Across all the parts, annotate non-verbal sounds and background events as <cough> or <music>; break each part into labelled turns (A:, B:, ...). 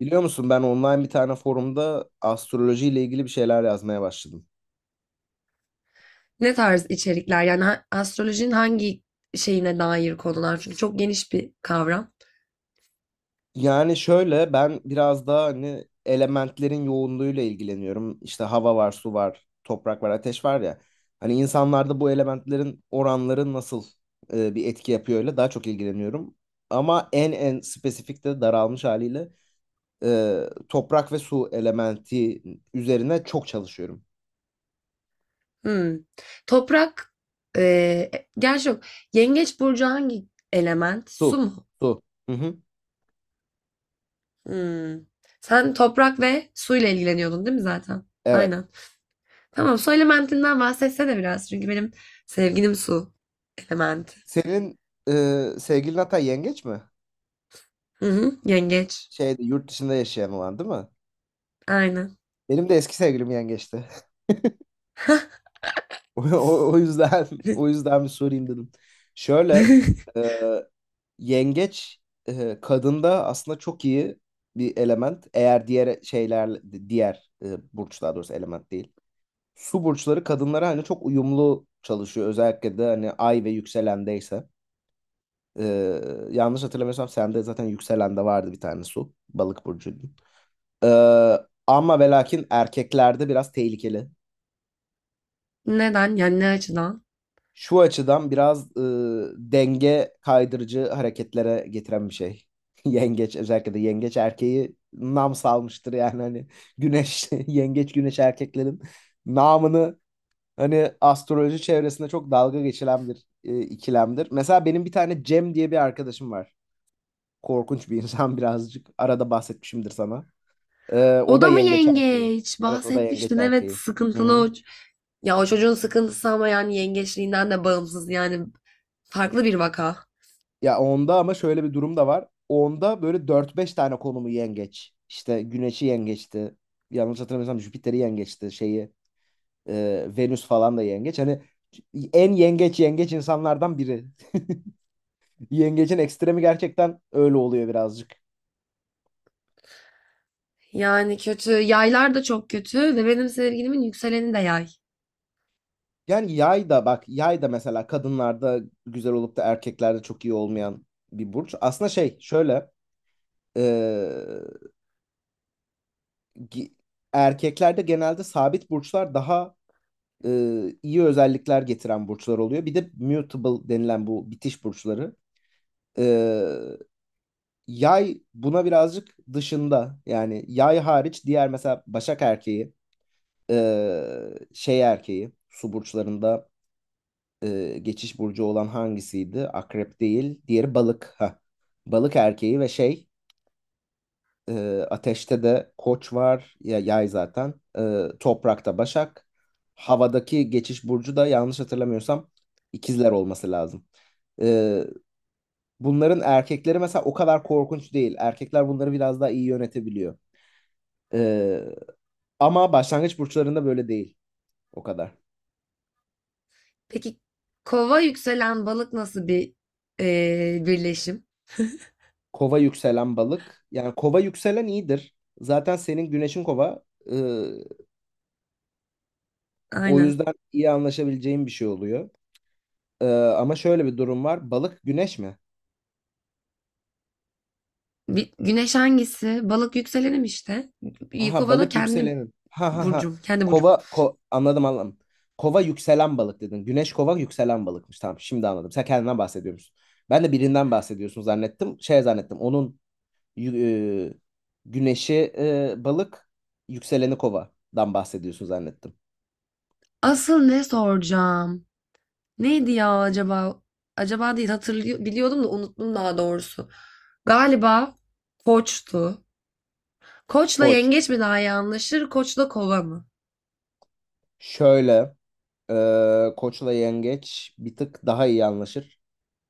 A: Biliyor musun ben online bir tane forumda astrolojiyle ilgili bir şeyler yazmaya başladım.
B: Ne tarz içerikler? Yani astrolojinin hangi şeyine dair konular? Çünkü çok geniş bir kavram.
A: Yani şöyle ben biraz daha hani elementlerin yoğunluğuyla ilgileniyorum. İşte hava var, su var, toprak var, ateş var ya. Hani insanlarda bu elementlerin oranları nasıl bir etki yapıyor öyle daha çok ilgileniyorum. Ama en spesifik de daralmış haliyle e, toprak ve su elementi üzerine çok çalışıyorum.
B: Hmm. Toprak, eee gerçi yok. Yengeç burcu hangi element? Su
A: Su,
B: mu?
A: su. Hı hı.
B: Hmm. Sen toprak ve suyla ilgileniyordun değil mi zaten?
A: Evet.
B: Aynen. Tamam, su elementinden bahsetsene biraz. Çünkü benim sevgilim su elementi.
A: Senin sevgilin hatta yengeç mi?
B: Hı hı, yengeç.
A: Şeyde yurt dışında yaşayan olan değil mi?
B: Aynen.
A: Benim de eski sevgilim yengeçti. <laughs> O, o, o yüzden o yüzden bir sorayım dedim. Şöyle
B: <laughs>
A: e, yengeç kadında aslında çok iyi bir element. Eğer diğer şeyler diğer burç daha doğrusu element değil. Su burçları kadınlara hani çok uyumlu çalışıyor. Özellikle de hani ay ve yükselendeyse. E, Yanlış hatırlamıyorsam sende zaten yükselende vardı bir tane su. Balık burcuydun. E, Ama ve lakin erkeklerde biraz tehlikeli.
B: Neden? Yani ne açıdan?
A: Şu açıdan biraz denge kaydırıcı hareketlere getiren bir şey. <laughs> Yengeç özellikle de yengeç erkeği nam salmıştır yani hani güneş <laughs> yengeç güneş erkeklerin namını hani astroloji çevresinde çok dalga geçilen bir ikilemdir. Mesela benim bir tane Cem diye bir arkadaşım var. Korkunç bir insan <laughs> birazcık. Arada bahsetmişimdir sana. O
B: O
A: da
B: da mı
A: yengeç erkeği.
B: yengeç?
A: Evet o da yengeç
B: Bahsetmiştin. Evet,
A: erkeği. Hı
B: sıkıntılı
A: hı.
B: o. Ya o çocuğun sıkıntısı ama yani yengeçliğinden de bağımsız. Yani farklı bir vaka.
A: Ya onda ama şöyle bir durum da var. Onda böyle dört beş tane konumu yengeç. İşte Güneş'i yengeçti. Yanlış hatırlamıyorsam Jüpiter'i yengeçti. Şeyi Venüs falan da yengeç. Hani en yengeç yengeç insanlardan biri. <laughs> Yengecin ekstremi gerçekten öyle oluyor birazcık.
B: Yani kötü. Yaylar da çok kötü ve benim sevgilimin yükseleni de yay.
A: Yani yay da bak yay da mesela kadınlarda güzel olup da erkeklerde çok iyi olmayan bir burç. Aslında şey şöyle e, gi- erkeklerde genelde sabit burçlar daha iyi özellikler getiren burçlar oluyor. Bir de mutable denilen bu bitiş burçları. E, Yay buna birazcık dışında. Yani yay hariç diğer mesela Başak erkeği, e, şey erkeği, su burçlarında geçiş burcu olan hangisiydi? Akrep değil, diğeri balık. Ha. Balık erkeği ve şey. E, Ateşte de Koç var, ya Yay zaten. Toprakta Başak. Havadaki geçiş burcu da yanlış hatırlamıyorsam ikizler olması lazım. E, Bunların erkekleri mesela o kadar korkunç değil. Erkekler bunları biraz daha iyi yönetebiliyor. E, Ama başlangıç burçlarında böyle değil o kadar.
B: Peki kova yükselen balık nasıl bir birleşim?
A: Kova yükselen balık. Yani kova yükselen iyidir. Zaten senin güneşin kova. E, O
B: Aynen.
A: yüzden iyi anlaşabileceğin bir şey oluyor. Ama şöyle bir durum var. Balık güneş mi?
B: Bir, güneş hangisi? Balık yükselenim işte.
A: Aha
B: Yıkova'da
A: balık
B: kendim
A: yükselenin. Ha ha ha.
B: burcum. Kendi burcum.
A: Kova anladım anladım. Kova yükselen balık dedin. Güneş kova yükselen balıkmış. Tamam şimdi anladım. Sen kendinden bahsediyormuşsun. Ben de birinden bahsediyorsun zannettim. Şey zannettim. Onun yü- e, güneşi balık yükseleni kovadan bahsediyorsun zannettim.
B: Asıl ne soracağım? Neydi ya acaba? Acaba değil, hatırlıyor biliyordum da unuttum daha doğrusu. Galiba koçtu. Koçla
A: Koç.
B: yengeç mi daha iyi anlaşır? Koçla kova mı?
A: Şöyle e, koçla yengeç bir tık daha iyi anlaşır.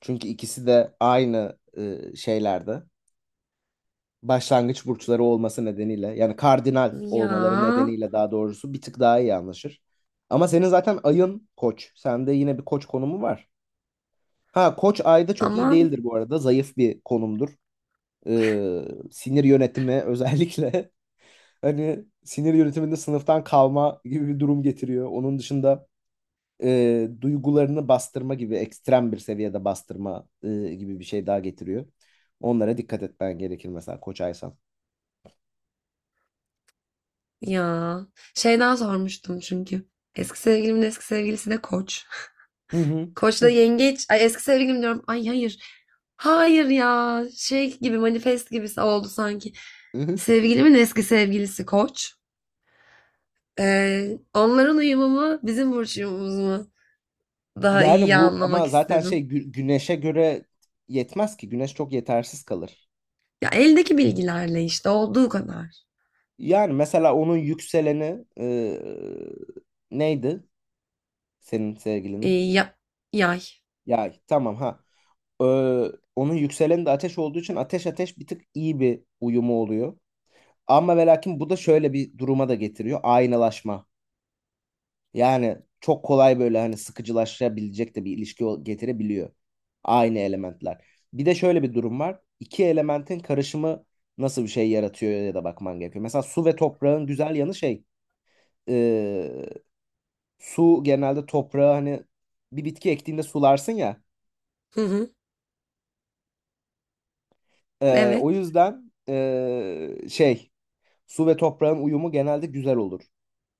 A: Çünkü ikisi de aynı şeylerde. Başlangıç burçları olması nedeniyle yani kardinal
B: Ya
A: olmaları nedeniyle daha doğrusu bir tık daha iyi anlaşır. Ama senin zaten ayın koç. Sende yine bir koç konumu var. Ha koç ayda çok iyi
B: aman
A: değildir bu arada. Zayıf bir konumdur. Ee, Sinir yönetimi özellikle <laughs> hani sinir yönetiminde sınıftan kalma gibi bir durum getiriyor. Onun dışında duygularını bastırma gibi ekstrem bir seviyede bastırma gibi bir şey daha getiriyor. Onlara dikkat etmen gerekir mesela koç aysan.
B: ya. Şeyden sormuştum çünkü. Eski sevgilimin eski sevgilisi de koç.
A: Hı hı.
B: Koçla yengeç. Ay, eski sevgilim diyorum. Ay hayır. Hayır ya. Şey gibi, manifest gibisi oldu sanki.
A: <laughs>
B: Sevgilimin eski sevgilisi koç. Onların uyumu mu bizim burç uyumumuz mu? Daha
A: Yani
B: iyi
A: bu
B: anlamak
A: ama zaten şey
B: istedim.
A: güneşe göre yetmez ki. Güneş çok yetersiz kalır.
B: Ya eldeki bilgilerle işte olduğu kadar.
A: Yani mesela onun yükseleni neydi? Senin
B: Ee,
A: sevgilinin.
B: ya- yay.
A: Yay. Tamam ha. Ee, Onun yükseleni de ateş olduğu için ateş ateş bir tık iyi bir uyumu oluyor. Ama ve lakin bu da şöyle bir duruma da getiriyor. Aynalaşma. Yani çok kolay böyle hani sıkıcılaşabilecek de bir ilişki getirebiliyor. Aynı elementler. Bir de şöyle bir durum var. İki elementin karışımı nasıl bir şey yaratıyor ya da bakman gerekiyor. Mesela su ve toprağın güzel yanı şey. e, Su genelde toprağı hani bir bitki ektiğinde sularsın ya.
B: Hı hı.
A: O
B: Evet.
A: yüzden şey, su ve toprağın uyumu genelde güzel olur.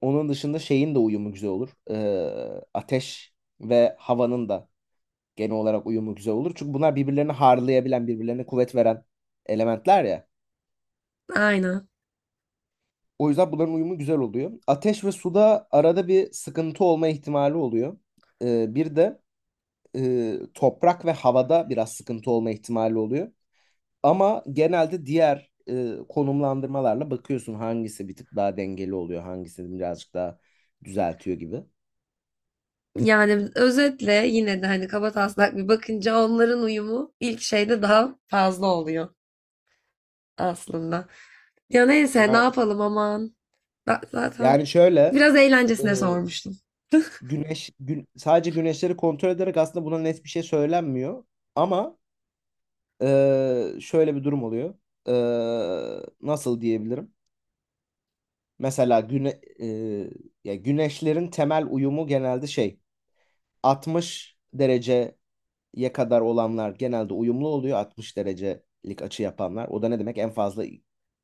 A: Onun dışında şeyin de uyumu güzel olur. Ateş ve havanın da genel olarak uyumu güzel olur. Çünkü bunlar birbirlerini harlayabilen, birbirlerine kuvvet veren elementler ya.
B: Aynen.
A: O yüzden bunların uyumu güzel oluyor. Ateş ve suda arada bir sıkıntı olma ihtimali oluyor. Bir de toprak ve havada biraz sıkıntı olma ihtimali oluyor. Ama genelde diğer konumlandırmalarla bakıyorsun, hangisi bir tık daha dengeli oluyor, hangisi birazcık daha düzeltiyor gibi.
B: Yani özetle yine de hani kabataslak bir bakınca onların uyumu ilk şeyde daha fazla oluyor aslında. Ya neyse, ne
A: Yani
B: yapalım, aman. Ben
A: Yani
B: zaten
A: şöyle
B: biraz
A: e,
B: eğlencesine sormuştum.
A: sadece güneşleri kontrol ederek aslında buna net bir şey söylenmiyor. Ama şöyle bir durum oluyor. Nasıl diyebilirim? Mesela ya güneşlerin temel uyumu genelde şey 60 dereceye kadar olanlar genelde uyumlu oluyor. 60 derecelik açı yapanlar. O da ne demek? En fazla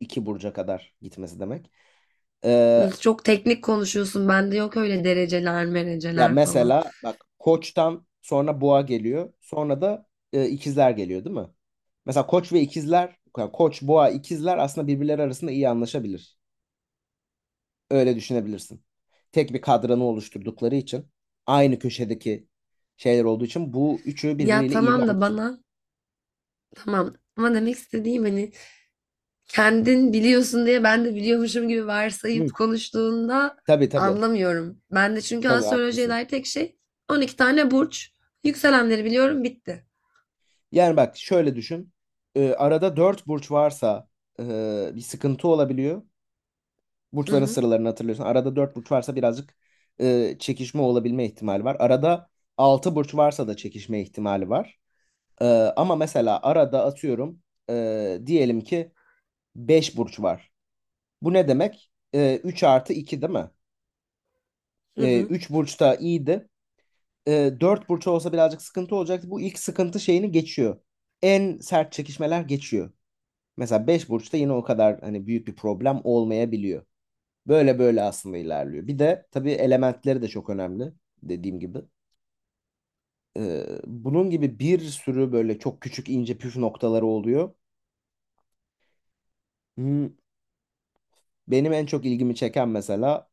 A: iki burca kadar gitmesi demek. E,
B: Çok teknik konuşuyorsun. Bende yok öyle dereceler,
A: Ya
B: mereceler falan.
A: mesela bak Koç'tan sonra Boğa geliyor. Sonra da ikizler geliyor değil mi? Mesela Koç ve ikizler, yani Koç, Boğa, ikizler aslında birbirleri arasında iyi anlaşabilir. Öyle düşünebilirsin. Tek bir kadranı oluşturdukları için aynı köşedeki şeyler olduğu için bu üçü
B: Ya
A: birbiriyle iyi bir
B: tamam da
A: anlaşma.
B: bana tamam. Ama demek istediğim hani, kendin biliyorsun diye ben de biliyormuşum gibi
A: Hı,
B: varsayıp konuştuğunda
A: tabii tabii.
B: anlamıyorum. Ben de çünkü
A: Tabii
B: astrolojiye
A: haklısın.
B: dair tek şey 12 tane burç. Yükselenleri biliyorum, bitti.
A: Yani bak şöyle düşün. Arada dört burç varsa bir sıkıntı olabiliyor.
B: Hı
A: Burçların
B: hı,
A: sıralarını hatırlıyorsun. Arada 4 burç varsa birazcık çekişme olabilme ihtimali var. Arada 6 burç varsa da çekişme ihtimali var. E, Ama mesela arada atıyorum diyelim ki 5 burç var. Bu ne demek? 3 artı 2 değil mi?
B: hı hı.
A: 3 burçta iyiydi. 4 burç olsa birazcık sıkıntı olacaktı. Bu ilk sıkıntı şeyini geçiyor. En sert çekişmeler geçiyor. Mesela 5 burçta yine o kadar hani büyük bir problem olmayabiliyor. Böyle böyle aslında ilerliyor. Bir de tabii elementleri de çok önemli dediğim gibi. Bunun gibi bir sürü böyle çok küçük ince püf noktaları oluyor. Hmm, Benim en çok ilgimi çeken mesela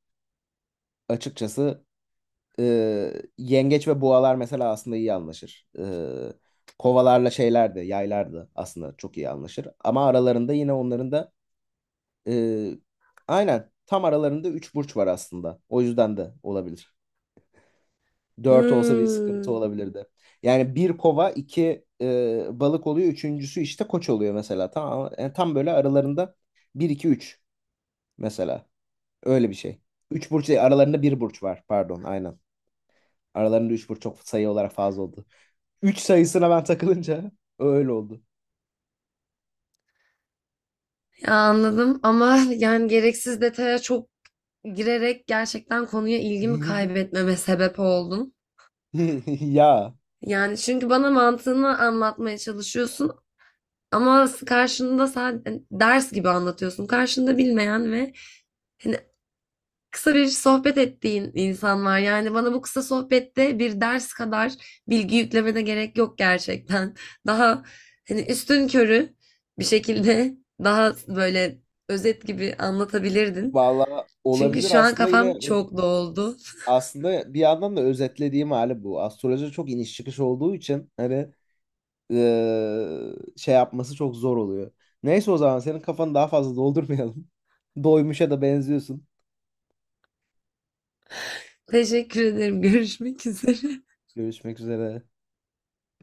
A: açıkçası e, yengeç ve boğalar mesela aslında iyi anlaşır. Kovalarla şeyler de yaylar da aslında çok iyi anlaşır. Ama aralarında yine onların da e, aynen tam aralarında üç burç var aslında. O yüzden de olabilir. Dört olsa bir sıkıntı
B: Hmm.
A: olabilirdi. Yani bir kova iki balık oluyor. Üçüncüsü işte koç oluyor mesela. Tam, yani tam böyle aralarında bir iki üç mesela. Öyle bir şey. Üç burç değil, aralarında bir burç var. Pardon aynen. Aralarında üç burç çok sayı olarak fazla oldu. Üç sayısına ben takılınca öyle oldu.
B: Ya anladım ama <laughs> yani gereksiz detaya çok girerek gerçekten konuya ilgimi
A: <laughs>
B: kaybetmeme sebep oldun.
A: Ya
B: Yani çünkü bana mantığını anlatmaya çalışıyorsun ama karşında, sadece hani, ders gibi anlatıyorsun. Karşında bilmeyen ve hani kısa bir sohbet ettiğin insan var. Yani bana bu kısa sohbette bir ders kadar bilgi yüklemene gerek yok gerçekten. <laughs> Daha hani üstünkörü bir şekilde, daha böyle özet gibi anlatabilirdin.
A: valla
B: Çünkü
A: olabilir
B: şu an
A: aslında yine
B: kafam çok doldu. <laughs>
A: aslında bir yandan da özetlediğim hali bu. Astroloji çok iniş çıkış olduğu için hani şey yapması çok zor oluyor. Neyse o zaman senin kafanı daha fazla doldurmayalım. <laughs> Doymuşa da benziyorsun.
B: Teşekkür ederim. Görüşmek üzere.
A: Görüşmek üzere.